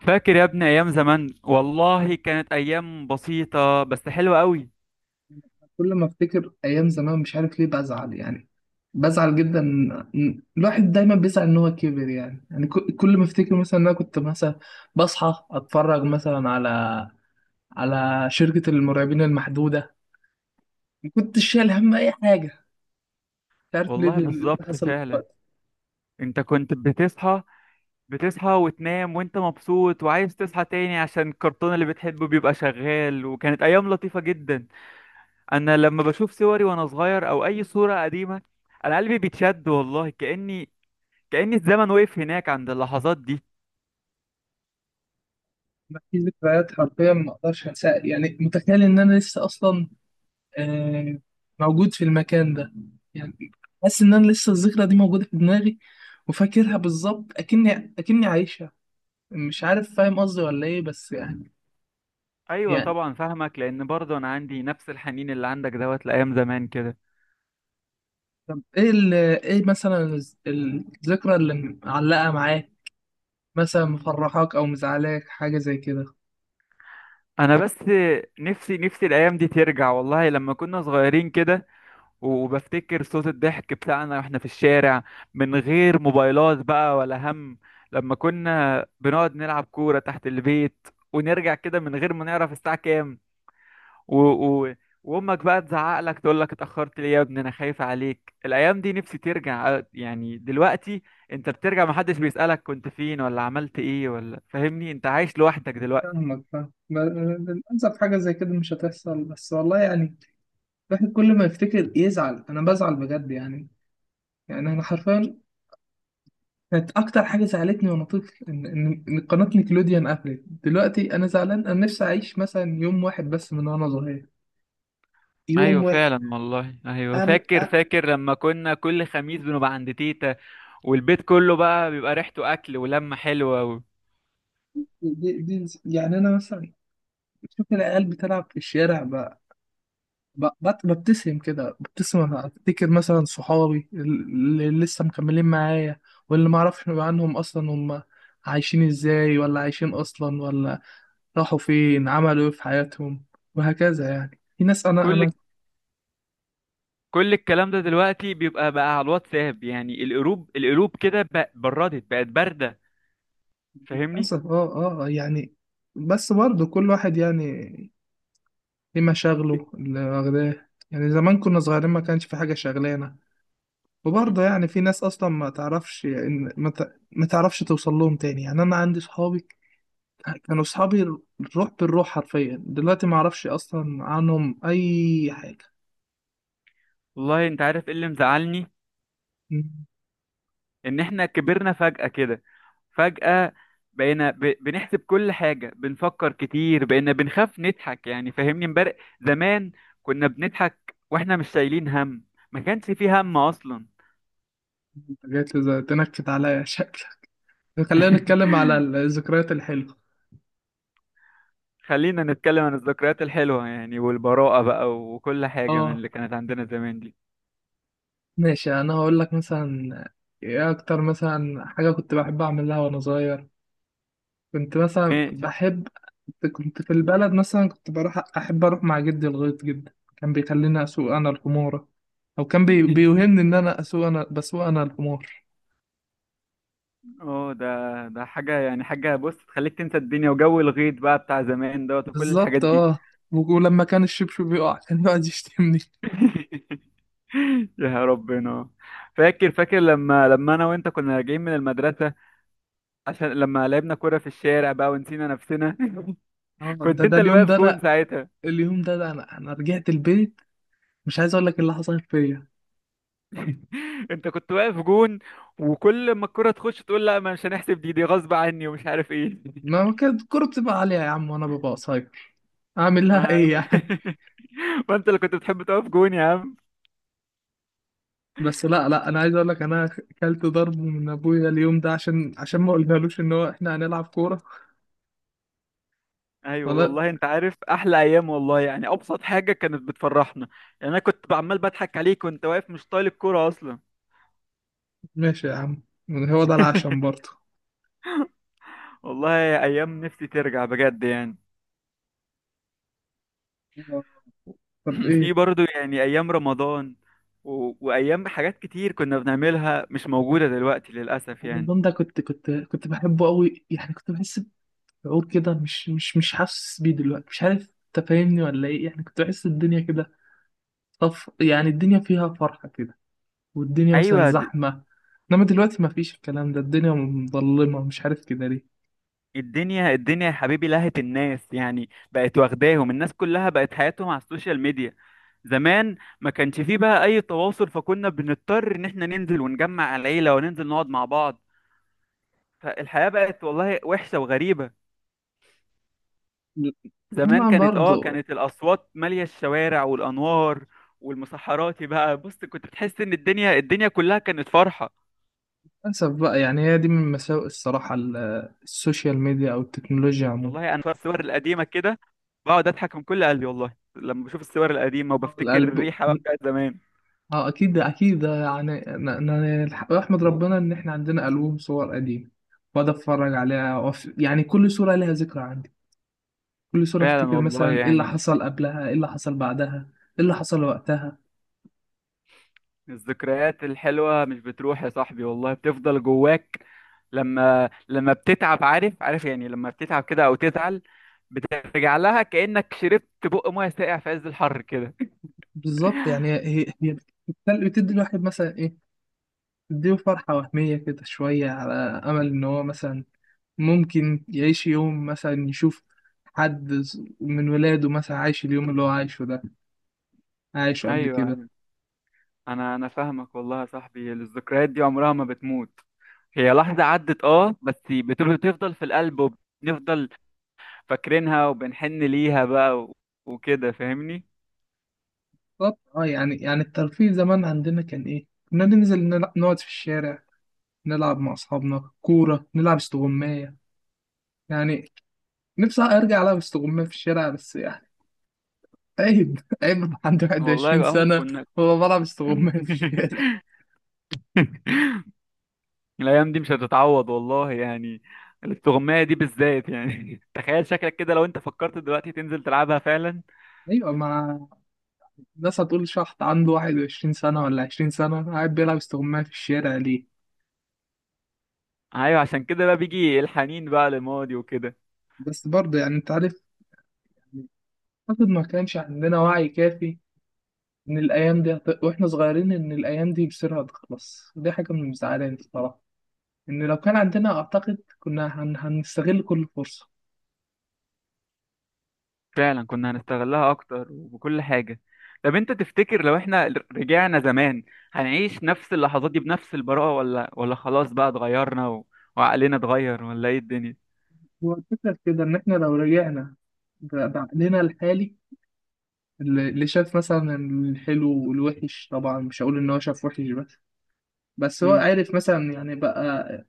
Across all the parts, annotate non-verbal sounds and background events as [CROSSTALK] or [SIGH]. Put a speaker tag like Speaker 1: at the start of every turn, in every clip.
Speaker 1: فاكر يا ابني ايام زمان، والله كانت ايام بسيطة بس حلوة قوي.
Speaker 2: كل ما افتكر ايام زمان مش عارف ليه بزعل يعني، بزعل جدا. الواحد دايما بيزعل ان هو كبر يعني، كل ما افتكر مثلا ان انا كنت مثلا بصحى اتفرج مثلا على شركة المرعبين المحدودة. ما كنتش شايل هم اي حاجة. مش عارف
Speaker 1: والله
Speaker 2: ليه اللي
Speaker 1: بالظبط
Speaker 2: حصل
Speaker 1: فعلا.
Speaker 2: دلوقتي.
Speaker 1: انت كنت بتصحى وتنام وانت مبسوط وعايز تصحى تاني عشان الكرتون اللي بتحبه بيبقى شغال، وكانت ايام لطيفة جدا. انا لما بشوف صوري وانا صغير او اي صورة قديمة، انا قلبي بيتشد والله، كأن الزمن وقف هناك عند اللحظات دي.
Speaker 2: ما في ذكريات حرفيا ما اقدرش انساها يعني، متخيل ان انا لسه اصلا آه، موجود في المكان ده يعني. حاسس ان انا لسه الذكرى دي موجودة في دماغي وفاكرها بالظبط اكني عايشها. مش عارف فاهم قصدي ولا ايه بس يعني،
Speaker 1: ايوه
Speaker 2: يعني
Speaker 1: طبعا فاهمك، لان برضه انا عندي نفس الحنين اللي عندك دوت لايام زمان كده.
Speaker 2: طب ايه ايه مثلا الذكرى اللي معلقة معاك، مثلا مفرحاك او مزعلاك حاجة زي كده.
Speaker 1: انا بس نفسي الايام دي ترجع والله، لما كنا صغيرين كده. وبفتكر صوت الضحك بتاعنا واحنا في الشارع، من غير موبايلات بقى ولا هم. لما كنا بنقعد نلعب كورة تحت البيت ونرجع كده من غير ما نعرف الساعة كام. و... و... وامك بقى تزعق لك تقول لك اتأخرت ليه يا ابني، انا خايفة عليك. الايام دي نفسي ترجع، يعني دلوقتي انت بترجع محدش بيسألك كنت فين ولا عملت ايه ولا. فاهمني، انت عايش لوحدك دلوقتي.
Speaker 2: فاهمك، للأسف حاجة زي كده مش هتحصل بس والله يعني. الواحد كل ما يفتكر يزعل، أنا بزعل بجد يعني، أنا حرفيا كانت أكتر حاجة زعلتني وأنا طفل إن قناة نيكلوديان قفلت. دلوقتي أنا زعلان، أنا نفسي أعيش مثلا يوم واحد بس من وأنا صغير،
Speaker 1: ايوه
Speaker 2: يوم واحد.
Speaker 1: فعلا والله. ايوه
Speaker 2: أم
Speaker 1: فاكر
Speaker 2: أم
Speaker 1: فاكر لما كنا كل خميس بنبقى عند تيتا، والبيت كله بقى بيبقى ريحته اكل ولمه حلوه.
Speaker 2: دي يعني أنا مثلا شوف العيال بتلعب في الشارع، ببتسم كده، أنا افتكر مثلا صحابي اللي لسه مكملين معايا، واللي ما اعرفش عنهم اصلا هم عايشين ازاي ولا عايشين اصلا، ولا راحوا فين، عملوا ايه في حياتهم. وهكذا يعني في ناس،
Speaker 1: وكل
Speaker 2: انا
Speaker 1: كل الكلام ده دلوقتي بيبقى بقى على الواتساب، يعني القلوب كده بردت، بقت بارده. فاهمني.
Speaker 2: للاسف. يعني بس برضه كل واحد يعني ليه مشاغله
Speaker 1: [CLEARS THROAT]
Speaker 2: اللي واخداه. يعني زمان كنا صغيرين ما كانش في حاجة شغلانة. وبرضه يعني في ناس اصلا ما تعرفش ان ما تعرفش توصل لهم تاني. يعني انا عندي صحابي، كانوا صحابي الروح بالروح حرفيا، دلوقتي ما اعرفش اصلا عنهم اي حاجه.
Speaker 1: والله انت عارف ايه اللي مزعلني؟
Speaker 2: مم.
Speaker 1: ان احنا كبرنا فجأة كده، فجأة. بقينا بنحسب كل حاجة، بنفكر كتير، بقينا بنخاف نضحك، يعني فاهمني. امبارح زمان كنا بنضحك واحنا مش شايلين هم، ما كانش فيه هم أصلا.
Speaker 2: انت جات لي زي تنكد عليا شكلك. خلينا نتكلم
Speaker 1: [LAUGHS]
Speaker 2: على الذكريات الحلوه.
Speaker 1: خلينا نتكلم عن الذكريات الحلوة يعني، والبراءة بقى وكل حاجة من
Speaker 2: اه
Speaker 1: اللي كانت عندنا زمان دي.
Speaker 2: ماشي، انا هقول لك مثلا ايه اكتر مثلا حاجه كنت بحب اعملها وانا صغير. كنت مثلا
Speaker 1: ماشي.
Speaker 2: بحب، كنت في البلد مثلا، كنت بروح، أحب أروح مع جدي الغيط جدا، كان بيخليني أسوق أنا الحمورة. أو كان
Speaker 1: [LAUGHS]
Speaker 2: بيوهمني إن أنا أسوق أنا بسوق أنا الحمار.
Speaker 1: اه، ده حاجة يعني، حاجة بص تخليك تنسى الدنيا، وجو الغيط بقى بتاع زمان دوت وكل الحاجات
Speaker 2: بالظبط
Speaker 1: دي.
Speaker 2: اه. ولما كان الشبشب بيقع [LAUGHS] كان يقعد يشتمني.
Speaker 1: [LAUGHS] يا ربنا، فاكر لما انا وانت كنا راجعين من المدرسه، عشان لما لعبنا كوره في الشارع بقى ونسينا نفسنا. [LAUGHS]
Speaker 2: اه، ده
Speaker 1: كنت انت
Speaker 2: ده
Speaker 1: اللي
Speaker 2: اليوم
Speaker 1: واقف
Speaker 2: ده
Speaker 1: جون
Speaker 2: أنا
Speaker 1: ساعتها.
Speaker 2: اليوم ده، ده أنا رجعت البيت، مش عايز أقول لك إيه اللي حصل فيا.
Speaker 1: [LAUGHS] انت كنت واقف جون، وكل ما الكوره تخش تقول لا ما مش هنحسب، دي غصب عني ومش عارف ايه. [LAUGHS]
Speaker 2: ما كانت الكورة بتبقى عالية يا عم، وأنا ببقى قصير، أعمل لها
Speaker 1: ما
Speaker 2: إيه
Speaker 1: ما
Speaker 2: يعني؟
Speaker 1: [LAUGHS] ما انت اللي كنت بتحب تقف جون يا عم.
Speaker 2: بس لا لا، انا عايز اقول لك انا كلت ضرب من ابويا اليوم ده عشان، ما قلنالوش ان هو احنا هنلعب كوره.
Speaker 1: ايوه
Speaker 2: ولا
Speaker 1: والله، انت عارف احلى ايام والله يعني، ابسط حاجه كانت بتفرحنا، يعني انا كنت عمال بضحك عليك وانت واقف مش طايل الكوره اصلا.
Speaker 2: ماشي يا عم، هو ده العشم برضه.
Speaker 1: والله ايام نفسي ترجع بجد يعني.
Speaker 2: آه. طب
Speaker 1: [CLEARS THROAT] في
Speaker 2: ايه.
Speaker 1: برضو يعني ايام رمضان، وايام حاجات كتير كنا بنعملها مش موجودة دلوقتي للاسف يعني.
Speaker 2: رمضان ده كنت بحبه قوي يعني. كنت بحس بشعور كده، مش حاسس بيه دلوقتي، مش عارف انت فاهمني ولا ايه. يعني كنت بحس الدنيا كده طف يعني، الدنيا فيها فرحة كده، والدنيا مثلا
Speaker 1: ايوه،
Speaker 2: زحمة. انما دلوقتي ما فيش الكلام ده، الدنيا مظلمة، مش عارف كده ليه.
Speaker 1: الدنيا يا حبيبي، لهت الناس يعني، بقت واخداهم، الناس كلها بقت حياتهم على السوشيال ميديا. زمان ما كانش فيه بقى اي تواصل، فكنا بنضطر ان احنا ننزل ونجمع العيلة وننزل نقعد مع بعض. فالحياة بقت والله وحشة وغريبة. زمان
Speaker 2: هما
Speaker 1: كانت اه
Speaker 2: برضه
Speaker 1: كانت الاصوات ماليه الشوارع والانوار والمسحراتي بقى. بص، كنت بتحس ان الدنيا كلها كانت فرحه.
Speaker 2: للأسف بقى يعني، هي دي من مساوئ الصراحة السوشيال ميديا أو التكنولوجيا عموما.
Speaker 1: والله انا في الصور القديمه كده بقعد اضحك من كل قلبي والله، لما بشوف الصور القديمه وبفتكر
Speaker 2: القلب.
Speaker 1: الريحه بقى بتاعت زمان.
Speaker 2: اه، أكيد أكيد يعني، أنا أحمد ربنا إن إحنا عندنا ألبوم صور قديمة وأقعد أتفرج عليها يعني كل صورة لها ذكرى عندي. كل صورة
Speaker 1: فعلا
Speaker 2: أفتكر
Speaker 1: والله
Speaker 2: مثلا إيه اللي
Speaker 1: يعني،
Speaker 2: حصل قبلها، إيه اللي حصل بعدها، إيه اللي حصل وقتها.
Speaker 1: الذكريات الحلوه مش بتروح يا صاحبي والله، بتفضل جواك. لما بتتعب، عارف، عارف يعني، لما بتتعب كده او تزعل، بترجع لها كانك شربت بق ميه ساقع في عز الحر كده.
Speaker 2: بالظبط يعني. هي بتدي الواحد مثلا إيه، بتديله فرحة وهمية كده شوية، على أمل إن هو مثلا ممكن يعيش يوم مثلا، يشوف حد من ولاده مثلا عايش اليوم اللي هو عايشه ده، عايشه
Speaker 1: [LAUGHS]
Speaker 2: قبل كده.
Speaker 1: ايوه، انا فاهمك والله يا صاحبي، الذكريات دي عمرها ما بتموت، هي لحظة عدت بس بتفضل في القلب، وبنفضل فاكرينها وبنحن ليها بقى وكده فاهمني.
Speaker 2: طب اه يعني، الترفيه زمان عندنا كان ايه؟ كنا ننزل، نقعد في الشارع، نلعب مع اصحابنا كورة، نلعب استغماية يعني. نفسي ارجع العب استغماية في الشارع بس يعني، عيب [LAUGHS] عيب أبقى عندي 21
Speaker 1: والله اه
Speaker 2: سنة.
Speaker 1: كنا.
Speaker 2: هو بلعب استغماية
Speaker 1: [LAUGHS]
Speaker 2: في الشارع؟
Speaker 1: الايام دي مش هتتعوض والله يعني، الاستغماية دي بالذات يعني. [LAUGHS] تخيل شكلك كده لو انت فكرت دلوقتي تنزل تلعبها فعلا.
Speaker 2: ايوه، مع الناس هتقول شحط عنده 21 سنة ولا 20 سنة قاعد بيلعب استغماية في الشارع ليه.
Speaker 1: ايوه عشان كده بقى بيجي الحنين بقى للماضي وكده.
Speaker 2: بس برضه يعني انت عارف، أعتقد ما كانش عندنا وعي كافي إن وإحنا صغيرين إن الأيام دي مصيرها هتخلص. دي حاجة من المزعلاني الصراحة، إن لو كان عندنا أعتقد هنستغل كل فرصة.
Speaker 1: فعلا كنا هنستغلها اكتر وبكل حاجة. طب انت تفتكر لو احنا رجعنا زمان هنعيش نفس اللحظات دي بنفس البراءة، ولا خلاص بقى اتغيرنا وعقلنا اتغير، ولا ايه الدنيا؟
Speaker 2: هو الفكرة في كده، إن إحنا لو رجعنا بعقلنا الحالي، اللي شاف مثلا الحلو والوحش، طبعا مش هقول إن هو شاف وحش بس، بس هو
Speaker 1: امم،
Speaker 2: عارف مثلا يعني بقى،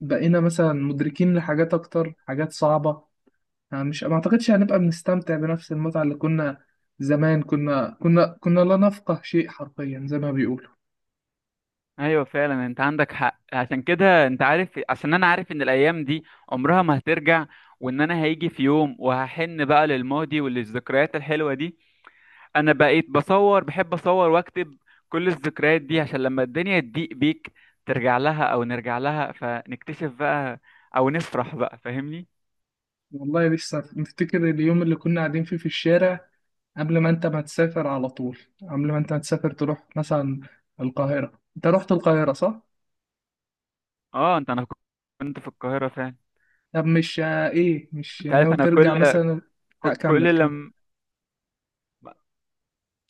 Speaker 2: بقينا مثلا مدركين لحاجات أكتر، حاجات صعبة يعني. مش ما اعتقدش هنبقى بنستمتع بنفس المتعة اللي كنا. زمان كنا لا نفقه شيء حرفيا، زي ما بيقولوا.
Speaker 1: ايوه فعلا انت عندك حق. عشان كده انت عارف، عشان انا عارف ان الايام دي عمرها ما هترجع، وان انا هيجي في يوم وهحن بقى للماضي وللذكريات الحلوة دي. انا بقيت بصور، بحب اصور واكتب كل الذكريات دي، عشان لما الدنيا تضيق بيك ترجع لها، او نرجع لها فنكتشف بقى، او نفرح بقى فاهمني.
Speaker 2: والله لسه مفتكر اليوم اللي كنا قاعدين فيه في الشارع قبل ما انت ما تسافر تروح مثلا القاهرة. انت رحت القاهرة صح؟
Speaker 1: اه، انا كنت في القاهرة فعلا.
Speaker 2: طب مش ايه، مش
Speaker 1: انت عارف
Speaker 2: ناوي
Speaker 1: انا
Speaker 2: ترجع
Speaker 1: كل.
Speaker 2: مثلا؟ لا كمل
Speaker 1: كل
Speaker 2: كمل،
Speaker 1: لما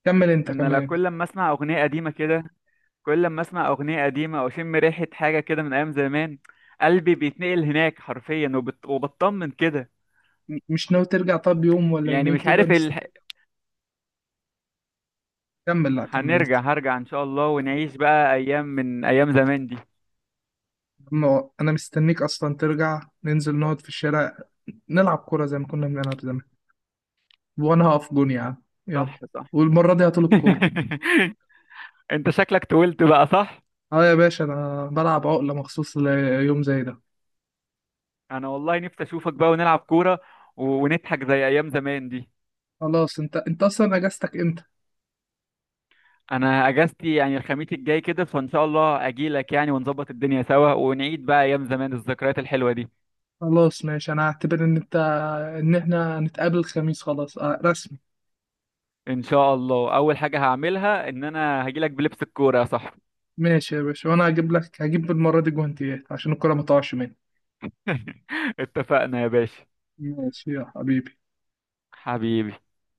Speaker 2: انت
Speaker 1: انا
Speaker 2: كمل
Speaker 1: لا
Speaker 2: انت.
Speaker 1: كل لما اسمع اغنية قديمة كده، كل لما اسمع اغنية قديمة او اشم ريحة حاجة كده من ايام زمان، قلبي بيتنقل هناك حرفيا، وبطمن كده.
Speaker 2: مش ناوي ترجع؟ طب يوم ولا
Speaker 1: يعني
Speaker 2: يومين
Speaker 1: مش
Speaker 2: كده
Speaker 1: عارف
Speaker 2: كمل لا كمل انت.
Speaker 1: هنرجع، هرجع ان شاء الله ونعيش بقى ايام من ايام زمان دي.
Speaker 2: انا مستنيك اصلا ترجع، ننزل نقعد في الشارع، نلعب كورة زي ما كنا بنلعب زمان. وأنا هقف جون يا عم يلا،
Speaker 1: صح، صح.
Speaker 2: والمرة دي هطول الكورة.
Speaker 1: [LAUGHS] انت شكلك طولت بقى، صح.
Speaker 2: أه يا باشا، أنا بلعب عقلة مخصوص ليوم زي ده.
Speaker 1: انا والله نفسي اشوفك بقى ونلعب كورة ونضحك زي ايام زمان دي.
Speaker 2: خلاص، أنت أصلا أجازتك إمتى؟
Speaker 1: انا اجازتي يعني الخميس الجاي كده، فان شاء الله اجيلك يعني ونظبط الدنيا سوا ونعيد بقى ايام زمان، الذكريات الحلوة دي.
Speaker 2: خلاص ماشي، أنا هعتبر إن إحنا هنتقابل الخميس خلاص، أه رسمي.
Speaker 1: ان شاء الله اول حاجة هعملها ان انا هجيلك بلبس الكورة يا صاحبي.
Speaker 2: ماشي يا باشا، وأنا هجيب المرة دي جوانتيات عشان الكورة ما تقعش مني.
Speaker 1: [LAUGHS] اتفقنا يا باشا.
Speaker 2: ماشي يا حبيبي.
Speaker 1: حبيبي.